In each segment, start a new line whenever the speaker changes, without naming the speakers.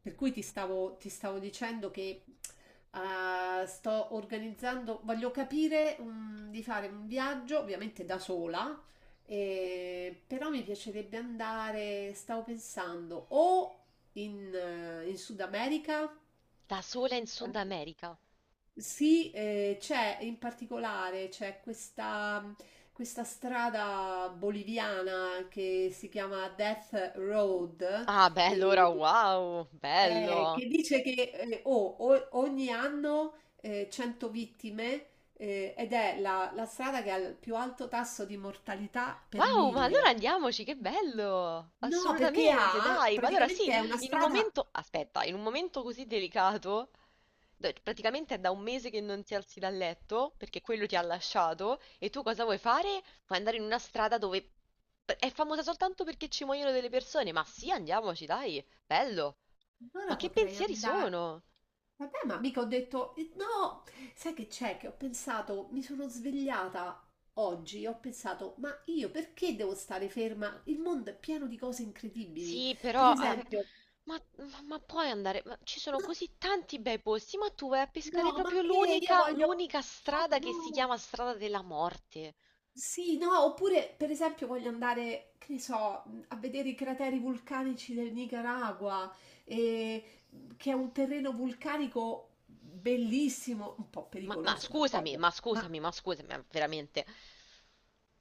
Per cui ti stavo dicendo che sto organizzando, voglio capire di fare un viaggio, ovviamente da sola, però mi piacerebbe andare, stavo pensando, o in Sud America.
Da sola in Sud America.
Sì, c'è in particolare c'è questa strada boliviana che si chiama Death Road.
Ah, beh,
E
allora wow, bello.
che dice che ogni anno 100 vittime ed è la strada che ha il più alto tasso di mortalità per
Wow, ma allora
miglio.
andiamoci, che bello!
No, perché
Assolutamente,
ha
dai, ma allora sì,
praticamente è una
in un
strada.
momento, aspetta, in un momento così delicato, praticamente è da un mese che non ti alzi dal letto, perché quello ti ha lasciato, e tu cosa vuoi fare? Vuoi andare in una strada dove è famosa soltanto perché ci muoiono delle persone, ma sì, andiamoci, dai, bello. Ma
Allora
che
potrei
pensieri
andare.
sono?
Vabbè, ma mica ho detto no. Sai che c'è? Che ho pensato, mi sono svegliata. Oggi ho pensato, ma io perché devo stare ferma? Il mondo è pieno di cose incredibili.
Sì,
Per
però.
esempio,
Ma puoi andare, ma ci sono così tanti bei posti, ma tu vai a pescare
no, ma
proprio
che io
l'unica,
voglio,
l'unica
no,
strada che si
no,
chiama strada della morte.
sì, no, oppure per esempio voglio andare, che ne so, a vedere i crateri vulcanici del Nicaragua, e- che è un terreno vulcanico bellissimo, un po'
Ma
pericoloso,
scusami,
d'accordo,
ma
ma
scusami, ma scusami, ma veramente.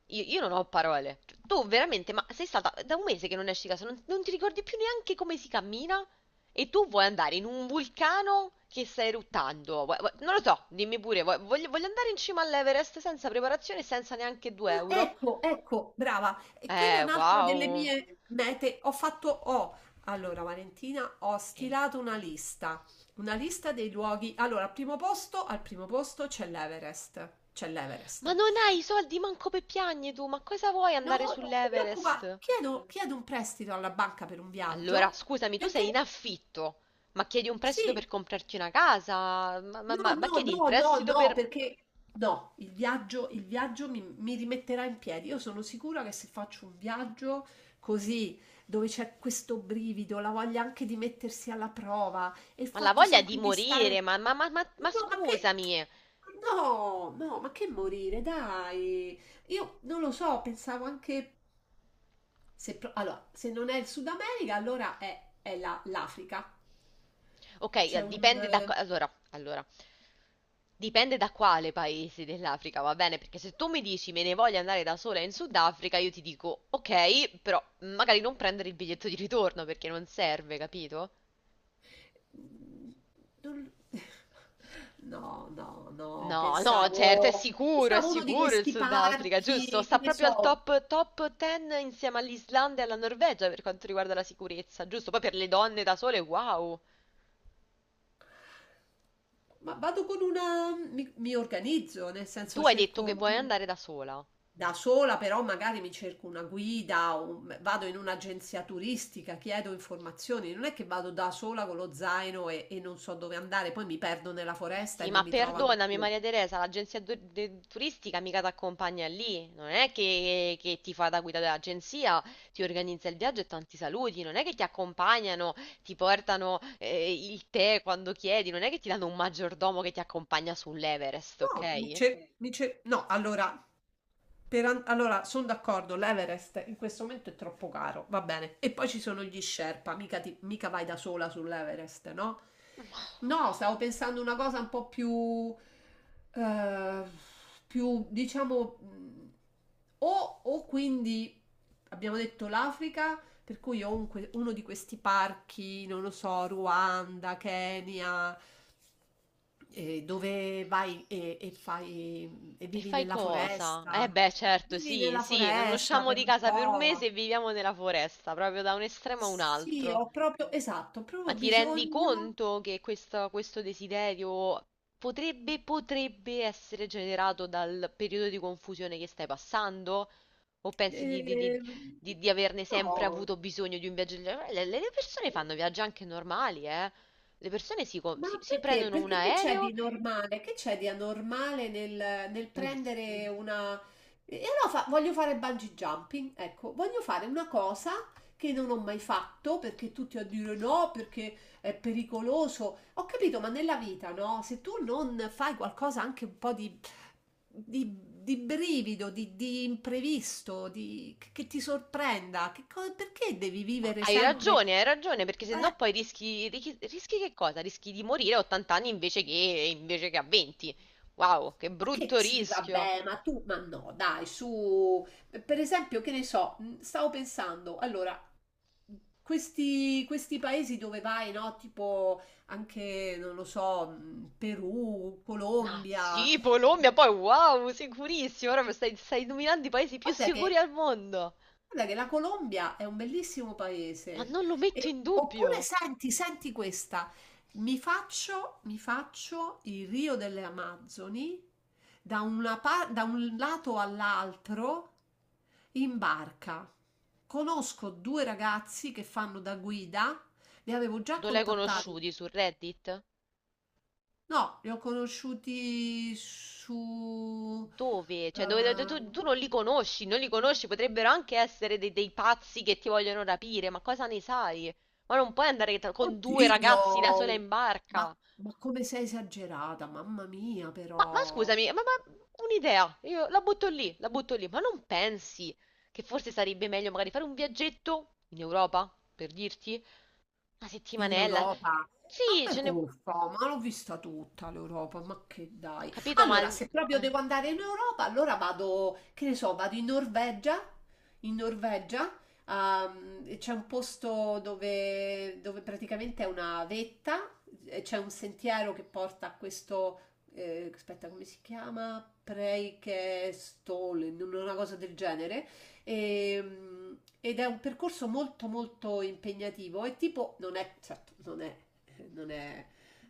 Io non ho parole. Cioè, tu veramente, ma sei stata da un mese che non esci di casa, non ti ricordi più neanche come si cammina? E tu vuoi andare in un vulcano che sta eruttando? Non lo so, dimmi pure, voglio andare in cima all'Everest senza preparazione e senza neanche 2 euro?
ecco, ecco, brava, e quella è un'altra delle
Wow!
mie mete. Allora Valentina, ho
Eh,
stilato una lista, dei luoghi. Allora, al primo posto c'è l'Everest, c'è
Ma
l'Everest.
non hai i soldi manco per piagne tu, ma cosa vuoi
No,
andare
non ti preoccupare,
sull'Everest?
chiedo un prestito alla banca per un
Allora,
viaggio,
scusami, tu sei in
perché
affitto, ma chiedi un prestito per
sì.
comprarti una casa? Ma, ma-
No,
ma- ma
no,
chiedi il
no, no,
prestito
no,
per...
perché no, il viaggio mi rimetterà in piedi. Io sono sicura che se faccio un viaggio così, dove c'è questo brivido, la voglia anche di mettersi alla prova e il
Ma la
fatto
voglia di
sempre di
morire,
stare...
ma
No, ma che...
scusami!
No, no, ma che morire, dai. Io non lo so, pensavo anche... Se, allora, se non è il Sud America, allora è l'Africa.
Ok,
C'è un...
dipende da. Allora, allora, dipende da quale paese dell'Africa, va bene? Perché se tu mi dici me ne voglio andare da sola in Sudafrica, io ti dico ok, però magari non prendere il biglietto di ritorno perché non serve, capito?
Non- No, no, no,
No, no, certo,
pensavo,
è
pensavo uno di
sicuro il
questi
Sudafrica, giusto?
parchi,
Sta
che ne
proprio al
so.
top, top 10 insieme all'Islanda e alla Norvegia per quanto riguarda la sicurezza, giusto? Poi per le donne da sole, wow!
Ma vado con una, mi organizzo, nel
Tu
senso
hai detto che
cerco
vuoi andare da sola.
da sola, però magari mi cerco una guida, o vado in un'agenzia turistica, chiedo informazioni, non è che vado da sola con lo zaino e non so dove andare, poi mi perdo nella foresta e
Sì,
non
ma
mi trovano
perdonami
più.
Maria Teresa, l'agenzia turistica mica ti accompagna lì, non è che ti fa da guida dell'agenzia, ti organizza il viaggio e tanti saluti, non è che ti accompagnano, ti portano il tè quando chiedi, non è che ti danno un maggiordomo che ti accompagna sull'Everest,
No,
ok?
no, allora, sono d'accordo, l'Everest in questo momento è troppo caro, va bene. E poi ci sono gli Sherpa, mica vai da sola sull'Everest, no? No, stavo pensando una cosa un po' più, eh, più diciamo, o quindi abbiamo detto l'Africa, per cui o uno di questi parchi, non lo so, Ruanda, Kenya, dove vai e fai e
E
vivi
fai
nella
cosa? Eh
foresta.
beh, certo,
Vivi
sì,
nella
sì, non
foresta
usciamo
per
di
un
casa per un mese e
po'.
viviamo nella foresta, proprio da un estremo a un
Sì,
altro.
ho proprio, esatto, ho
Ma
proprio
ti rendi
bisogno.
conto che questo desiderio potrebbe, potrebbe essere generato dal periodo di confusione che stai passando? O pensi di, di- di-
Eh,
di- di averne sempre
no.
avuto bisogno di un viaggio? Del genere? Le persone fanno viaggi anche normali, eh? Le persone
Ma
si
perché?
prendono un
Perché che c'è
aereo.
di normale? Che c'è di anormale nel,
il-
prendere una... E allora voglio fare bungee jumping, ecco, voglio fare una cosa che non ho mai fatto perché tutti a dire no, perché è pericoloso. Ho capito, ma nella vita, no? Se tu non fai qualcosa anche un po' di, di brivido, di imprevisto, di, che ti sorprenda, perché devi
ma
vivere sempre...
hai ragione, perché sennò poi rischi, rischi, rischi che cosa? Rischi di morire a 80 anni invece che a 20. Wow, che
Ma che
brutto
sì,
rischio!
vabbè, ma tu, ma no, dai, su, per esempio, che ne so, stavo pensando, allora, questi paesi dove vai, no? Tipo anche, non lo so, Perù,
Ma
Colombia.
sì, Polombia, poi wow, sicurissimo. Ora stai, stai nominando i paesi più
guarda
sicuri
che
al mondo.
Guarda che la Colombia è un bellissimo
Ma
paese.
non lo metto in
Oppure
dubbio.
senti, senti questa, mi faccio il Rio delle Amazzoni da, da un lato all'altro in barca. Conosco due ragazzi che fanno da guida, li avevo già
Non l'hai
contattati.
conosciuti su Reddit?
No, li ho conosciuti su...
Dove? Cioè,
eh,
tu, tu non li conosci, non li conosci, potrebbero anche essere dei pazzi che ti vogliono rapire, ma cosa ne sai? Ma non puoi andare con due ragazzi da sola
Oddio,
in
ma,
barca.
ma come sei esagerata, mamma mia,
Ma
però.
scusami, ma un'idea, io la butto lì, ma non pensi che forse sarebbe meglio magari fare un viaggetto in Europa, per dirti? Una
In
settimanella?
Europa?
Sì,
Vabbè,
ce n'è.
uffa, ma l'ho vista tutta l'Europa, ma che dai.
Capito,
Allora, se proprio
eh,
devo andare in Europa, allora vado, che ne so, vado in Norvegia. In Norvegia, c'è un posto dove praticamente è una vetta, e c'è un sentiero che porta a questo, aspetta, come si chiama? Preikestolen, una cosa del genere ed è un percorso molto molto impegnativo e tipo non è, certo, non è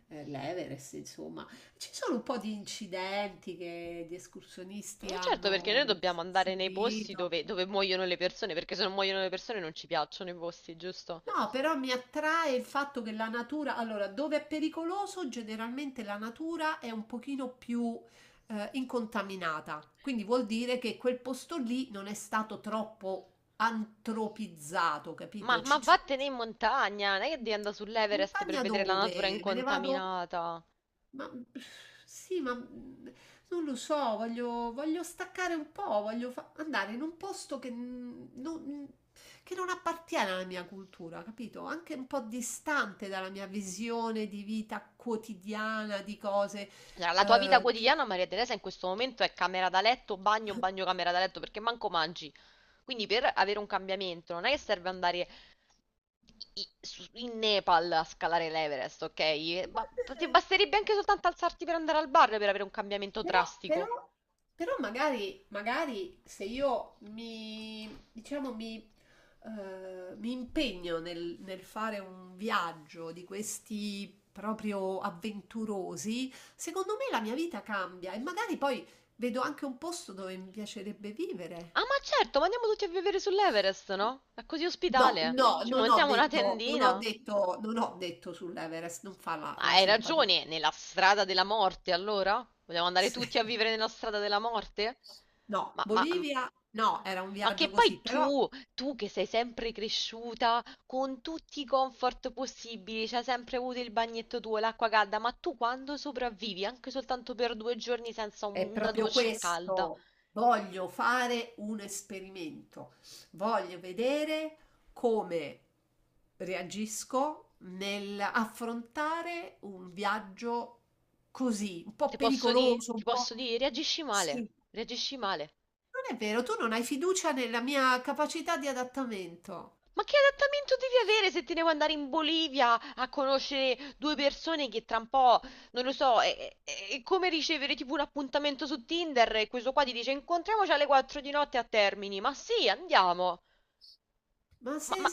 l'Everest, insomma, ci sono un po' di incidenti che gli escursionisti
certo, perché
hanno
noi dobbiamo andare nei posti
subito.
dove, dove muoiono le persone, perché se non muoiono le persone non ci piacciono i posti, giusto?
No, però mi attrae il fatto che la natura, allora, dove è pericoloso, generalmente la natura è un pochino più incontaminata, quindi vuol dire che quel posto lì non è stato troppo antropizzato,
Ma,
capito?
ma vattene in montagna, non è che devi andare sull'Everest per
Montagna
vedere la natura
dove? Me ne vado?
incontaminata.
Ma sì, ma non lo so, voglio, staccare un po', voglio andare in un posto che non appartiene alla mia cultura, capito? Anche un po' distante dalla mia visione di vita quotidiana, di cose.
Cioè, la tua vita
eh,
quotidiana, Maria Teresa, in questo momento è camera da letto, bagno, bagno, camera da letto, perché manco mangi. Quindi per avere un cambiamento non è che serve andare in Nepal a scalare l'Everest, ok? Ma ti basterebbe anche soltanto alzarti per andare al bar per avere un cambiamento
Però,
drastico.
però- però magari se io mi, diciamo, mi impegno nel fare un viaggio di questi proprio avventurosi, secondo me la mia vita cambia e magari poi vedo anche un posto dove mi piacerebbe vivere.
Ah, ma certo, ma andiamo tutti a vivere sull'Everest, no? È così
No,
ospitale.
no,
Ci
non ho
montiamo una
detto, non ho
tendina.
detto, non ho detto sull'Everest, non fa la,
Ma
la
hai
simpatia.
ragione, nella strada della morte allora? Vogliamo andare tutti a vivere nella strada della morte?
No,
Ma, ma,
Bolivia, no,
ma-
era un
ma che
viaggio
poi
così, però...
tu che sei sempre cresciuta con tutti i comfort possibili, c'hai sempre avuto il bagnetto tuo, l'acqua calda, ma tu quando sopravvivi anche soltanto per due giorni senza
È
una
proprio
doccia calda,
questo. Voglio fare un esperimento. Voglio vedere come reagisco nell'affrontare un viaggio così, un po'
ti posso dire?
pericoloso, un
Ti
po'...
posso dire? Reagisci male,
Sì,
reagisci male.
non è vero, tu non hai fiducia nella mia capacità di adattamento.
Ma che adattamento devi avere se ti devo andare in Bolivia a conoscere due persone che tra un po', non lo so, è come ricevere tipo un appuntamento su Tinder e questo qua ti dice incontriamoci alle 4 di notte a Termini. Ma sì, andiamo.
Ma
Ma,
sei
ma-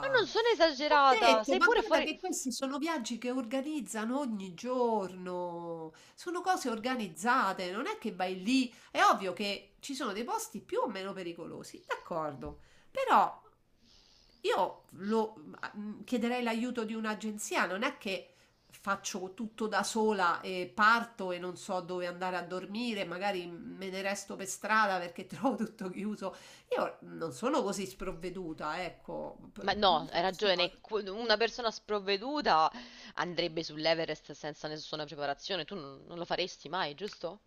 ma non sono
Ho
esagerata,
detto,
sei
ma
pure
guarda
fuori...
che questi sono viaggi che organizzano ogni giorno, sono cose organizzate, non è che vai lì, è ovvio che ci sono dei posti più o meno pericolosi, d'accordo, però io lo, chiederei l'aiuto di un'agenzia, non è che faccio tutto da sola e parto e non so dove andare a dormire, magari me ne resto per strada perché trovo tutto chiuso. Io non sono così sprovveduta, ecco,
Ma
non
no, hai
lo so,
ragione, una persona sprovveduta andrebbe sull'Everest senza nessuna preparazione, tu non lo faresti mai, giusto?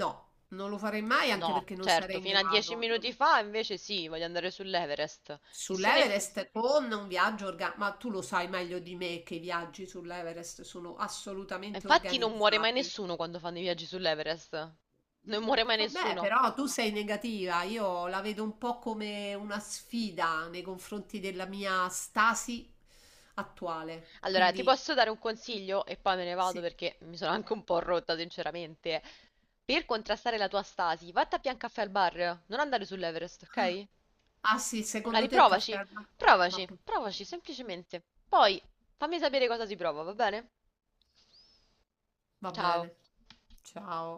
no, non lo farei mai anche
No,
perché non
certo,
sarei in
fino a dieci
grado.
minuti fa invece sì, voglio andare sull'Everest. Chi se ne frega.
Sull'Everest con un viaggio organizzato, ma tu lo sai meglio di me che i viaggi sull'Everest sono assolutamente
Infatti non muore mai
organizzati.
nessuno quando fanno i viaggi sull'Everest. Non muore mai
Vabbè,
nessuno.
però tu sei negativa, io la vedo un po' come una sfida nei confronti della mia stasi attuale.
Allora, ti
Quindi
posso dare un consiglio e poi me ne vado
sì.
perché mi sono anche un po' rotta, sinceramente. Per contrastare la tua stasi, vatti a Biancaffè al bar, non andare sull'Everest, ok?
Ah sì, secondo
Magari
te il caffè
provaci,
al ma
provaci,
per
provaci
favore.
semplicemente. Poi fammi sapere cosa si prova, va bene?
Va
Ciao.
bene. Ciao.